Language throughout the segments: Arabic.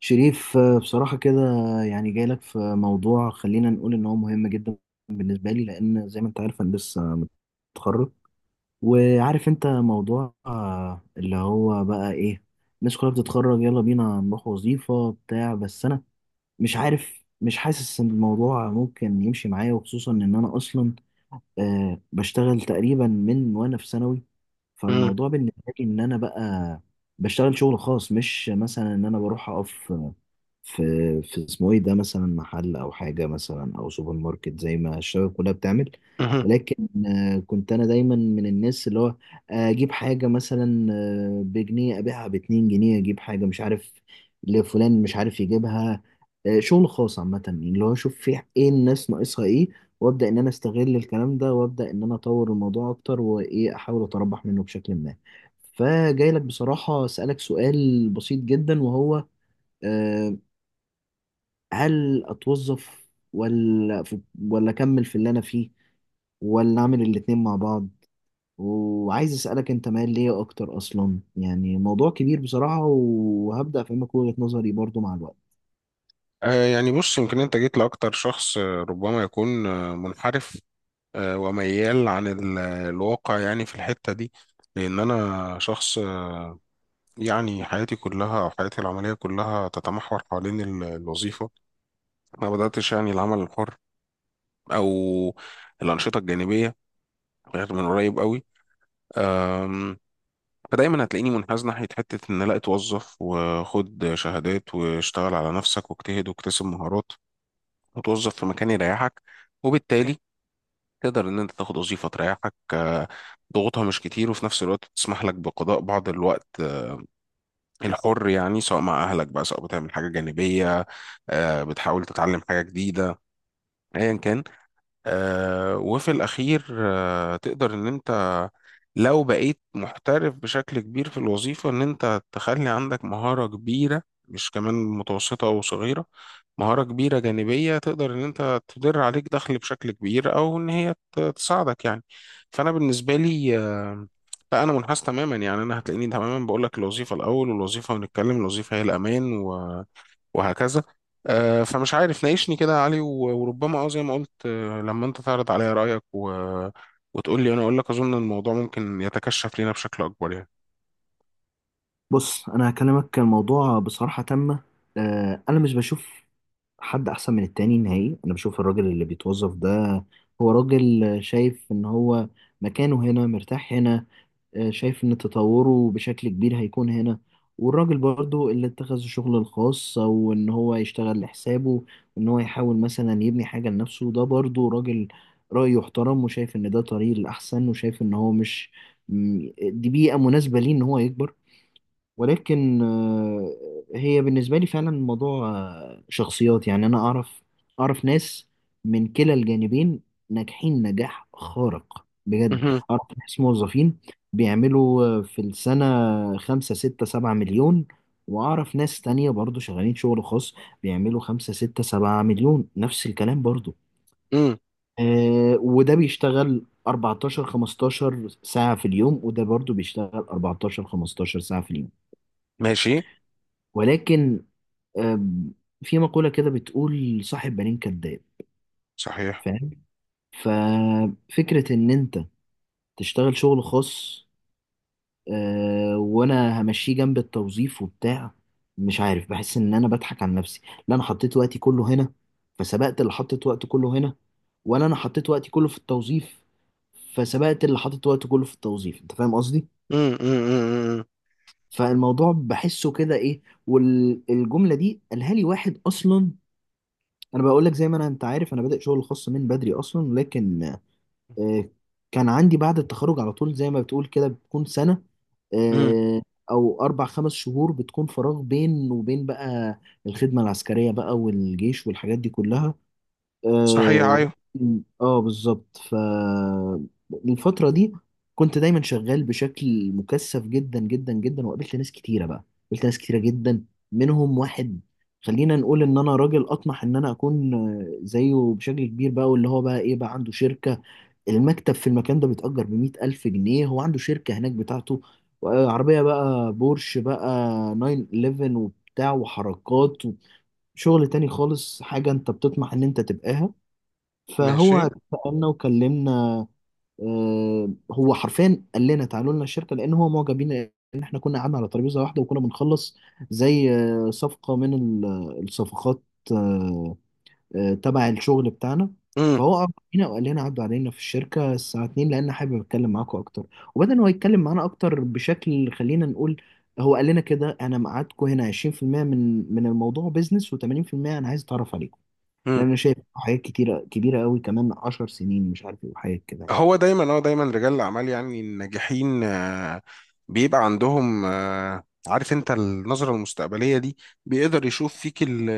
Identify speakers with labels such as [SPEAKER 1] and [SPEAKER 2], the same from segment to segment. [SPEAKER 1] شريف، بصراحة كده، يعني جاي لك في موضوع خلينا نقول إن هو مهم جدا بالنسبة لي، لأن زي ما أنت عارف أنا لسه متخرج. وعارف أنت موضوع اللي هو بقى إيه، الناس كلها بتتخرج يلا بينا نروح وظيفة بتاع، بس أنا مش عارف، مش حاسس إن الموضوع ممكن يمشي معايا، وخصوصا إن أنا أصلا بشتغل تقريبا من وأنا في ثانوي.
[SPEAKER 2] مم.
[SPEAKER 1] فالموضوع بالنسبة لي إن أنا بقى بشتغل شغل خاص، مش مثلا إن أنا بروح أقف في في اسمه ايه ده، مثلا محل او حاجه مثلا او سوبر ماركت زي ما الشباب كلها بتعمل،
[SPEAKER 2] مهم.
[SPEAKER 1] ولكن كنت انا دايما من الناس اللي هو اجيب حاجه مثلا بجنيه ابيعها باتنين جنيه، اجيب حاجه مش عارف لفلان مش عارف يجيبها. شغل خاص عامه، يعني اللي هو اشوف في ايه، الناس ناقصها ايه، وابدا ان انا استغل الكلام ده، وابدا ان انا اطور الموضوع اكتر، وايه، احاول اتربح منه بشكل ما. فجاي لك بصراحه اسالك سؤال بسيط جدا، وهو آه، هل اتوظف، ولا اكمل في اللي انا فيه، ولا اعمل الاتنين مع بعض؟ وعايز اسالك انت مايل ليه اكتر اصلا، يعني موضوع كبير بصراحه، وهبدا افهمك وجهه نظري برضو مع الوقت.
[SPEAKER 2] يعني بص، يمكن انت جيت لاكتر شخص، ربما يكون منحرف، وميال عن الواقع يعني في الحتة دي. لان انا شخص، يعني حياتي كلها او حياتي العملية كلها تتمحور حوالين الوظيفة. ما بدأتش يعني العمل الحر او الأنشطة الجانبية غير من قريب قوي. آم، فدايما هتلاقيني منحاز ناحية حتة ان لا اتوظف، وخد شهادات واشتغل على نفسك واجتهد واكتسب مهارات، وتوظف في مكان يريحك. وبالتالي تقدر ان انت تاخد وظيفة تريحك، ضغوطها مش كتير، وفي نفس الوقت تسمح لك بقضاء بعض الوقت الحر، يعني سواء مع اهلك بقى، سواء بتعمل حاجة جانبية، بتحاول تتعلم حاجة جديدة ايا كان. وفي الأخير تقدر إن أنت لو بقيت محترف بشكل كبير في الوظيفة، إن أنت تخلي عندك مهارة كبيرة، مش كمان متوسطة أو صغيرة، مهارة كبيرة جانبية تقدر إن أنت تدر عليك دخل بشكل كبير، أو إن هي تساعدك يعني. فأنا بالنسبة لي لا، أنا منحاز تماما، يعني أنا هتلاقيني تماما بقول لك الوظيفة الأول، والوظيفة ونتكلم الوظيفة هي الأمان وهكذا. فمش عارف، ناقشني كده يا علي وربما زي ما قلت لما انت تعرض عليا رأيك وتقول لي، انا اقول لك اظن الموضوع ممكن يتكشف لينا بشكل اكبر يعني.
[SPEAKER 1] بص، انا هكلمك كان الموضوع بصراحه تامه، انا مش بشوف حد احسن من التاني نهائي. انا بشوف الراجل اللي بيتوظف ده هو راجل شايف ان هو مكانه هنا، مرتاح هنا، شايف إن تطوره بشكل كبير هيكون هنا. والراجل برضو اللي اتخذ الشغل الخاص، أو إن هو يشتغل لحسابه، وإن هو يحاول مثلا يبني حاجة لنفسه، ده برضو راجل رأيه يحترم، وشايف إن ده طريق الأحسن، وشايف إن هو مش، دي بيئة مناسبة ليه إن هو يكبر. ولكن هي بالنسبة لي فعلا الموضوع شخصيات. يعني أنا أعرف ناس من كلا الجانبين ناجحين نجاح خارق بجد.
[SPEAKER 2] مهم.
[SPEAKER 1] أعرف ناس موظفين بيعملوا في السنة 5 6 7 مليون، وأعرف ناس تانية برضو شغالين شغل خاص بيعملوا 5 6 7 مليون نفس الكلام برضو.
[SPEAKER 2] مم.
[SPEAKER 1] وده بيشتغل 14 15 ساعة في اليوم، وده برضو بيشتغل 14 15 ساعة في اليوم،
[SPEAKER 2] ماشي.
[SPEAKER 1] ولكن أم، في مقولة كده بتقول صاحب بالين كداب،
[SPEAKER 2] صحيح.
[SPEAKER 1] فاهم؟ ففكرة إن أنت تشتغل شغل خاص، وأنا همشيه جنب التوظيف وبتاع، مش عارف، بحس إن أنا بضحك على نفسي. لا أنا حطيت وقتي كله هنا فسبقت اللي حطيت وقته كله هنا، ولا أنا حطيت وقتي كله في التوظيف فسبقت اللي حطيت وقته كله في التوظيف. أنت فاهم قصدي؟
[SPEAKER 2] مم. مم. مم. مم.
[SPEAKER 1] فالموضوع بحسه كده إيه، والجملة دي قالها لي واحد أصلا. انا بقول لك، زي ما انت عارف، انا بادئ شغل خاص من بدري اصلا، لكن آه، كان عندي بعد التخرج على طول، زي ما بتقول كده، بتكون سنة
[SPEAKER 2] مم.
[SPEAKER 1] آه، او 4 5 شهور بتكون فراغ بين وبين، بقى الخدمة العسكرية بقى والجيش والحاجات دي كلها.
[SPEAKER 2] صحيح. ايوه.
[SPEAKER 1] ولكن بالظبط، فالفترة دي كنت دايما شغال بشكل مكثف جدا جدا جدا، وقابلت ناس كتيرة بقى، قابلت ناس كتيرة جدا، منهم واحد خلينا نقول ان انا راجل اطمح ان انا اكون زيه بشكل كبير بقى، واللي هو بقى ايه بقى عنده شركة، المكتب في المكان ده بيتأجر بـ100 ألف جنيه، هو عنده شركة هناك بتاعته. عربية بقى، بورش بقى، 911 وبتاع وحركات، وشغل تاني خالص، حاجة انت بتطمح ان انت تبقاها.
[SPEAKER 2] ماشي.
[SPEAKER 1] فهو سألنا وكلمنا، هو حرفيا قال لنا تعالوا لنا الشركة، لأن هو معجب بينا إن إحنا كنا قعدنا على ترابيزة واحدة وكنا بنخلص زي صفقة من الصفقات آه، تبع الشغل بتاعنا.
[SPEAKER 2] مم.
[SPEAKER 1] فهو أعجب بينا وقال لنا عدوا علينا في الشركة الساعة 2، لأن حابب أتكلم معاكم أكتر. وبدأ إن هو يتكلم معانا أكتر بشكل، خلينا نقول، هو قال لنا كده: أنا ميعادكم هنا 20% من الموضوع بيزنس، و80% أنا عايز أتعرف عليكم،
[SPEAKER 2] مم.
[SPEAKER 1] لان انا شايف حاجات كتيره كبيره قوي كمان 10 سنين، مش عارف ايه، وحاجات كده يعني.
[SPEAKER 2] هو دايما رجال الاعمال، يعني الناجحين، بيبقى عندهم عارف انت النظرة المستقبلية دي، بيقدر يشوف فيك ال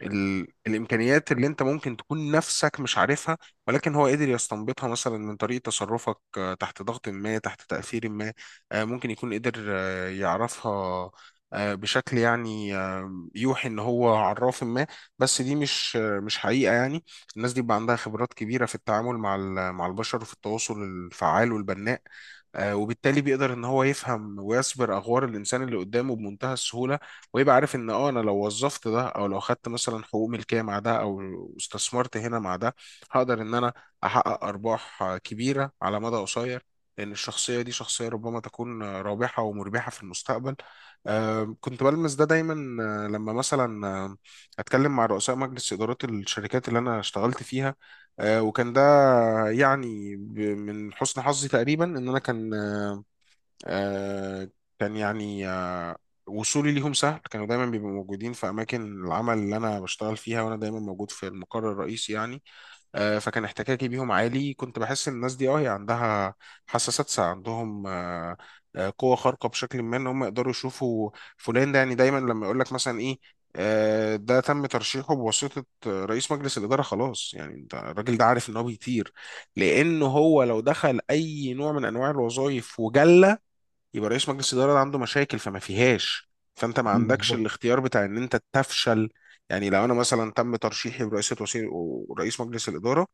[SPEAKER 2] ال... الامكانيات اللي انت ممكن تكون نفسك مش عارفها، ولكن هو قدر يستنبطها مثلا من طريقه تصرفك، تحت ضغط ما، تحت تاثير ما، ممكن يكون قدر يعرفها بشكل يعني يوحي ان هو عراف ما. بس دي مش حقيقه، يعني الناس دي بيبقى عندها خبرات كبيره في التعامل مع مع البشر، وفي التواصل الفعال والبناء، وبالتالي بيقدر ان هو يفهم ويسبر اغوار الانسان اللي قدامه بمنتهى السهوله. ويبقى عارف ان انا لو وظفت ده، او لو خدت مثلا حقوق ملكيه مع ده، او استثمرت هنا مع ده، هقدر ان انا احقق ارباح كبيره على مدى قصير، لان الشخصيه دي شخصيه ربما تكون رابحه ومربحه في المستقبل. كنت بلمس ده دايما، لما مثلا اتكلم مع رؤساء مجلس ادارات الشركات اللي انا اشتغلت فيها، وكان ده يعني من حسن حظي تقريبا ان انا كان آه، كان يعني وصولي ليهم سهل، كانوا دايما بيبقوا موجودين في اماكن العمل اللي انا بشتغل فيها، وانا دايما موجود في المقر الرئيسي يعني. فكان احتكاكي بيهم عالي، كنت بحس ان الناس دي هي عندها حساسات، عندهم قوة خارقة بشكل ما ان هم يقدروا يشوفوا فلان ده، يعني دايما لما يقول لك مثلا ايه ده تم ترشيحه بواسطة رئيس مجلس الإدارة، خلاص يعني انت الراجل ده عارف ان هو بيطير. لأنه هو لو دخل أي نوع من أنواع الوظائف وجلة، يبقى رئيس مجلس الإدارة ده عنده مشاكل فما فيهاش، فأنت ما عندكش
[SPEAKER 1] بالظبط،
[SPEAKER 2] الاختيار بتاع إن أنت تفشل. يعني لو أنا مثلا تم ترشيحي برئاسة وسيط ورئيس مجلس الإدارة،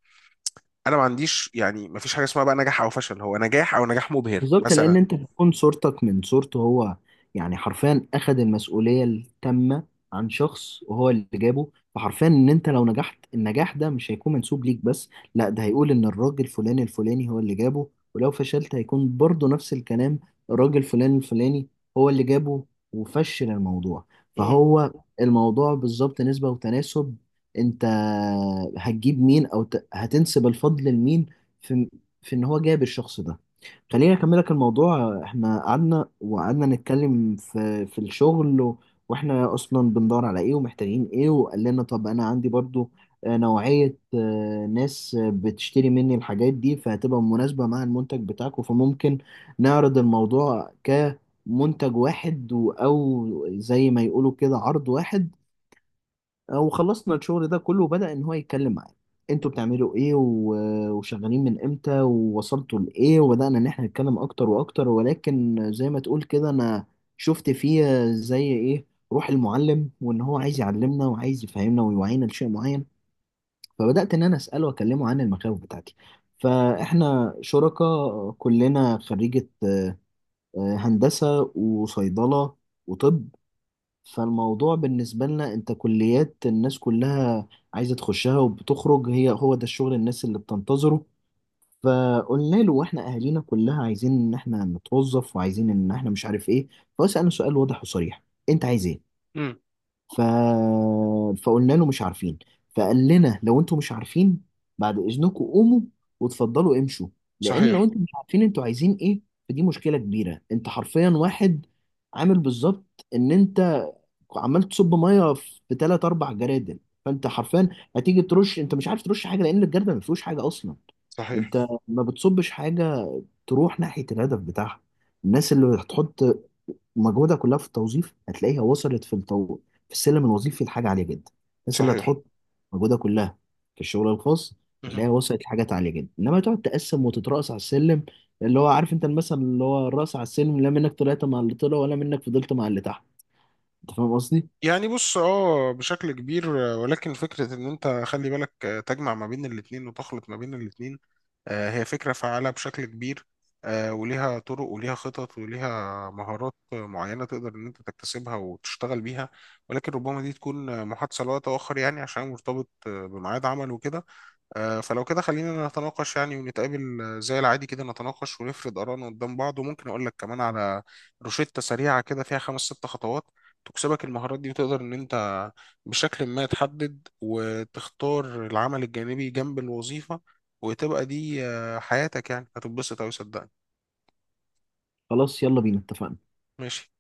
[SPEAKER 2] انا ما عنديش يعني ما فيش حاجه اسمها بقى نجاح او فشل، هو نجاح او نجاح مبهر
[SPEAKER 1] بالظبط، لان
[SPEAKER 2] مثلا.
[SPEAKER 1] انت بتكون صورتك من صورته هو، يعني حرفيا اخد المسؤوليه التامه عن شخص وهو اللي جابه. فحرفيا ان انت لو نجحت النجاح ده مش هيكون منسوب ليك بس، لا، ده هيقول ان الراجل فلاني الفلاني هو اللي جابه، ولو فشلت هيكون برضه نفس الكلام، الراجل فلان الفلاني هو اللي جابه وفشل الموضوع.
[SPEAKER 2] امم.
[SPEAKER 1] فهو الموضوع بالظبط نسبه وتناسب، انت هتجيب مين، او هتنسب الفضل لمين في في ان هو جاب الشخص ده. خليني اكملك الموضوع، احنا قعدنا وقعدنا نتكلم في الشغل واحنا اصلا بندور على ايه ومحتاجين ايه، وقال لنا طب انا عندي برضو نوعية ناس بتشتري مني الحاجات دي، فهتبقى مناسبة مع المنتج بتاعكم، فممكن نعرض الموضوع كمنتج واحد، او زي ما يقولوا كده عرض واحد. وخلصنا الشغل ده كله، وبدأ إن هو يتكلم معايا: انتوا بتعملوا ايه وشغالين من امتى ووصلتوا لايه، وبدأنا ان احنا نتكلم اكتر واكتر. ولكن زي ما تقول كده، انا شفت فيه زي ايه، روح المعلم، وان هو عايز يعلمنا وعايز يفهمنا ويوعينا لشيء معين. فبدأت ان انا اسأله واكلمه عن المخاوف بتاعتي، فاحنا شركاء كلنا خريجة هندسة وصيدلة وطب، فالموضوع بالنسبة لنا، انت كليات الناس كلها عايزة تخشها وبتخرج، هي هو ده الشغل الناس اللي بتنتظره. فقلنا له واحنا اهالينا كلها عايزين ان احنا نتوظف، وعايزين ان احنا مش عارف ايه. فسألنا سؤال واضح وصريح: انت عايز ايه؟
[SPEAKER 2] امم.
[SPEAKER 1] ف... فقلنا له مش عارفين. فقال لنا: لو انتوا مش عارفين، بعد اذنكم قوموا وتفضلوا امشوا، لان لو
[SPEAKER 2] صحيح.
[SPEAKER 1] انتوا مش عارفين انتوا عايزين ايه، فدي مشكله كبيره. انت حرفيا واحد عامل بالظبط ان انت عمال تصب ميه في ثلاث اربع جرادل، فانت حرفيا هتيجي ترش انت مش عارف ترش حاجه، لان الجردل ما فيهوش حاجه اصلا.
[SPEAKER 2] صحيح.
[SPEAKER 1] انت ما بتصبش حاجه تروح ناحيه الهدف بتاعها. الناس اللي هتحط ومجهودها كلها في التوظيف هتلاقيها وصلت في السلم الوظيفي لحاجه عاليه جدا، الناس اللي
[SPEAKER 2] صحيح.
[SPEAKER 1] هتحط مجهودها كلها في الشغل الخاص
[SPEAKER 2] مهم.
[SPEAKER 1] هتلاقيها وصلت لحاجات عاليه جدا. انما تقعد تقسم وتترأس على السلم، اللي هو عارف انت المثل اللي هو الرأس على السلم، لا منك طلعت مع اللي طلع، ولا منك فضلت مع اللي تحت. انت فاهم قصدي؟
[SPEAKER 2] يعني بص بشكل كبير، ولكن فكرة ان انت خلي بالك تجمع ما بين الاتنين وتخلط ما بين الاتنين، هي فكرة فعالة بشكل كبير، وليها طرق وليها خطط وليها مهارات معينة تقدر ان انت تكتسبها وتشتغل بيها. ولكن ربما دي تكون محادثة لوقت آخر، يعني عشان مرتبط بميعاد عمل وكده. فلو كده خلينا نتناقش، يعني ونتقابل زي العادي كده، نتناقش ونفرد آرائنا قدام بعض، وممكن أقول لك كمان على روشتة سريعة كده فيها خمس ست خطوات، تكسبك المهارات دي وتقدر إن أنت بشكل ما تحدد وتختار العمل الجانبي جنب الوظيفة، وتبقى دي حياتك، يعني هتتبسط أوي صدقني.
[SPEAKER 1] خلاص، يلا بينا، اتفقنا.
[SPEAKER 2] ماشي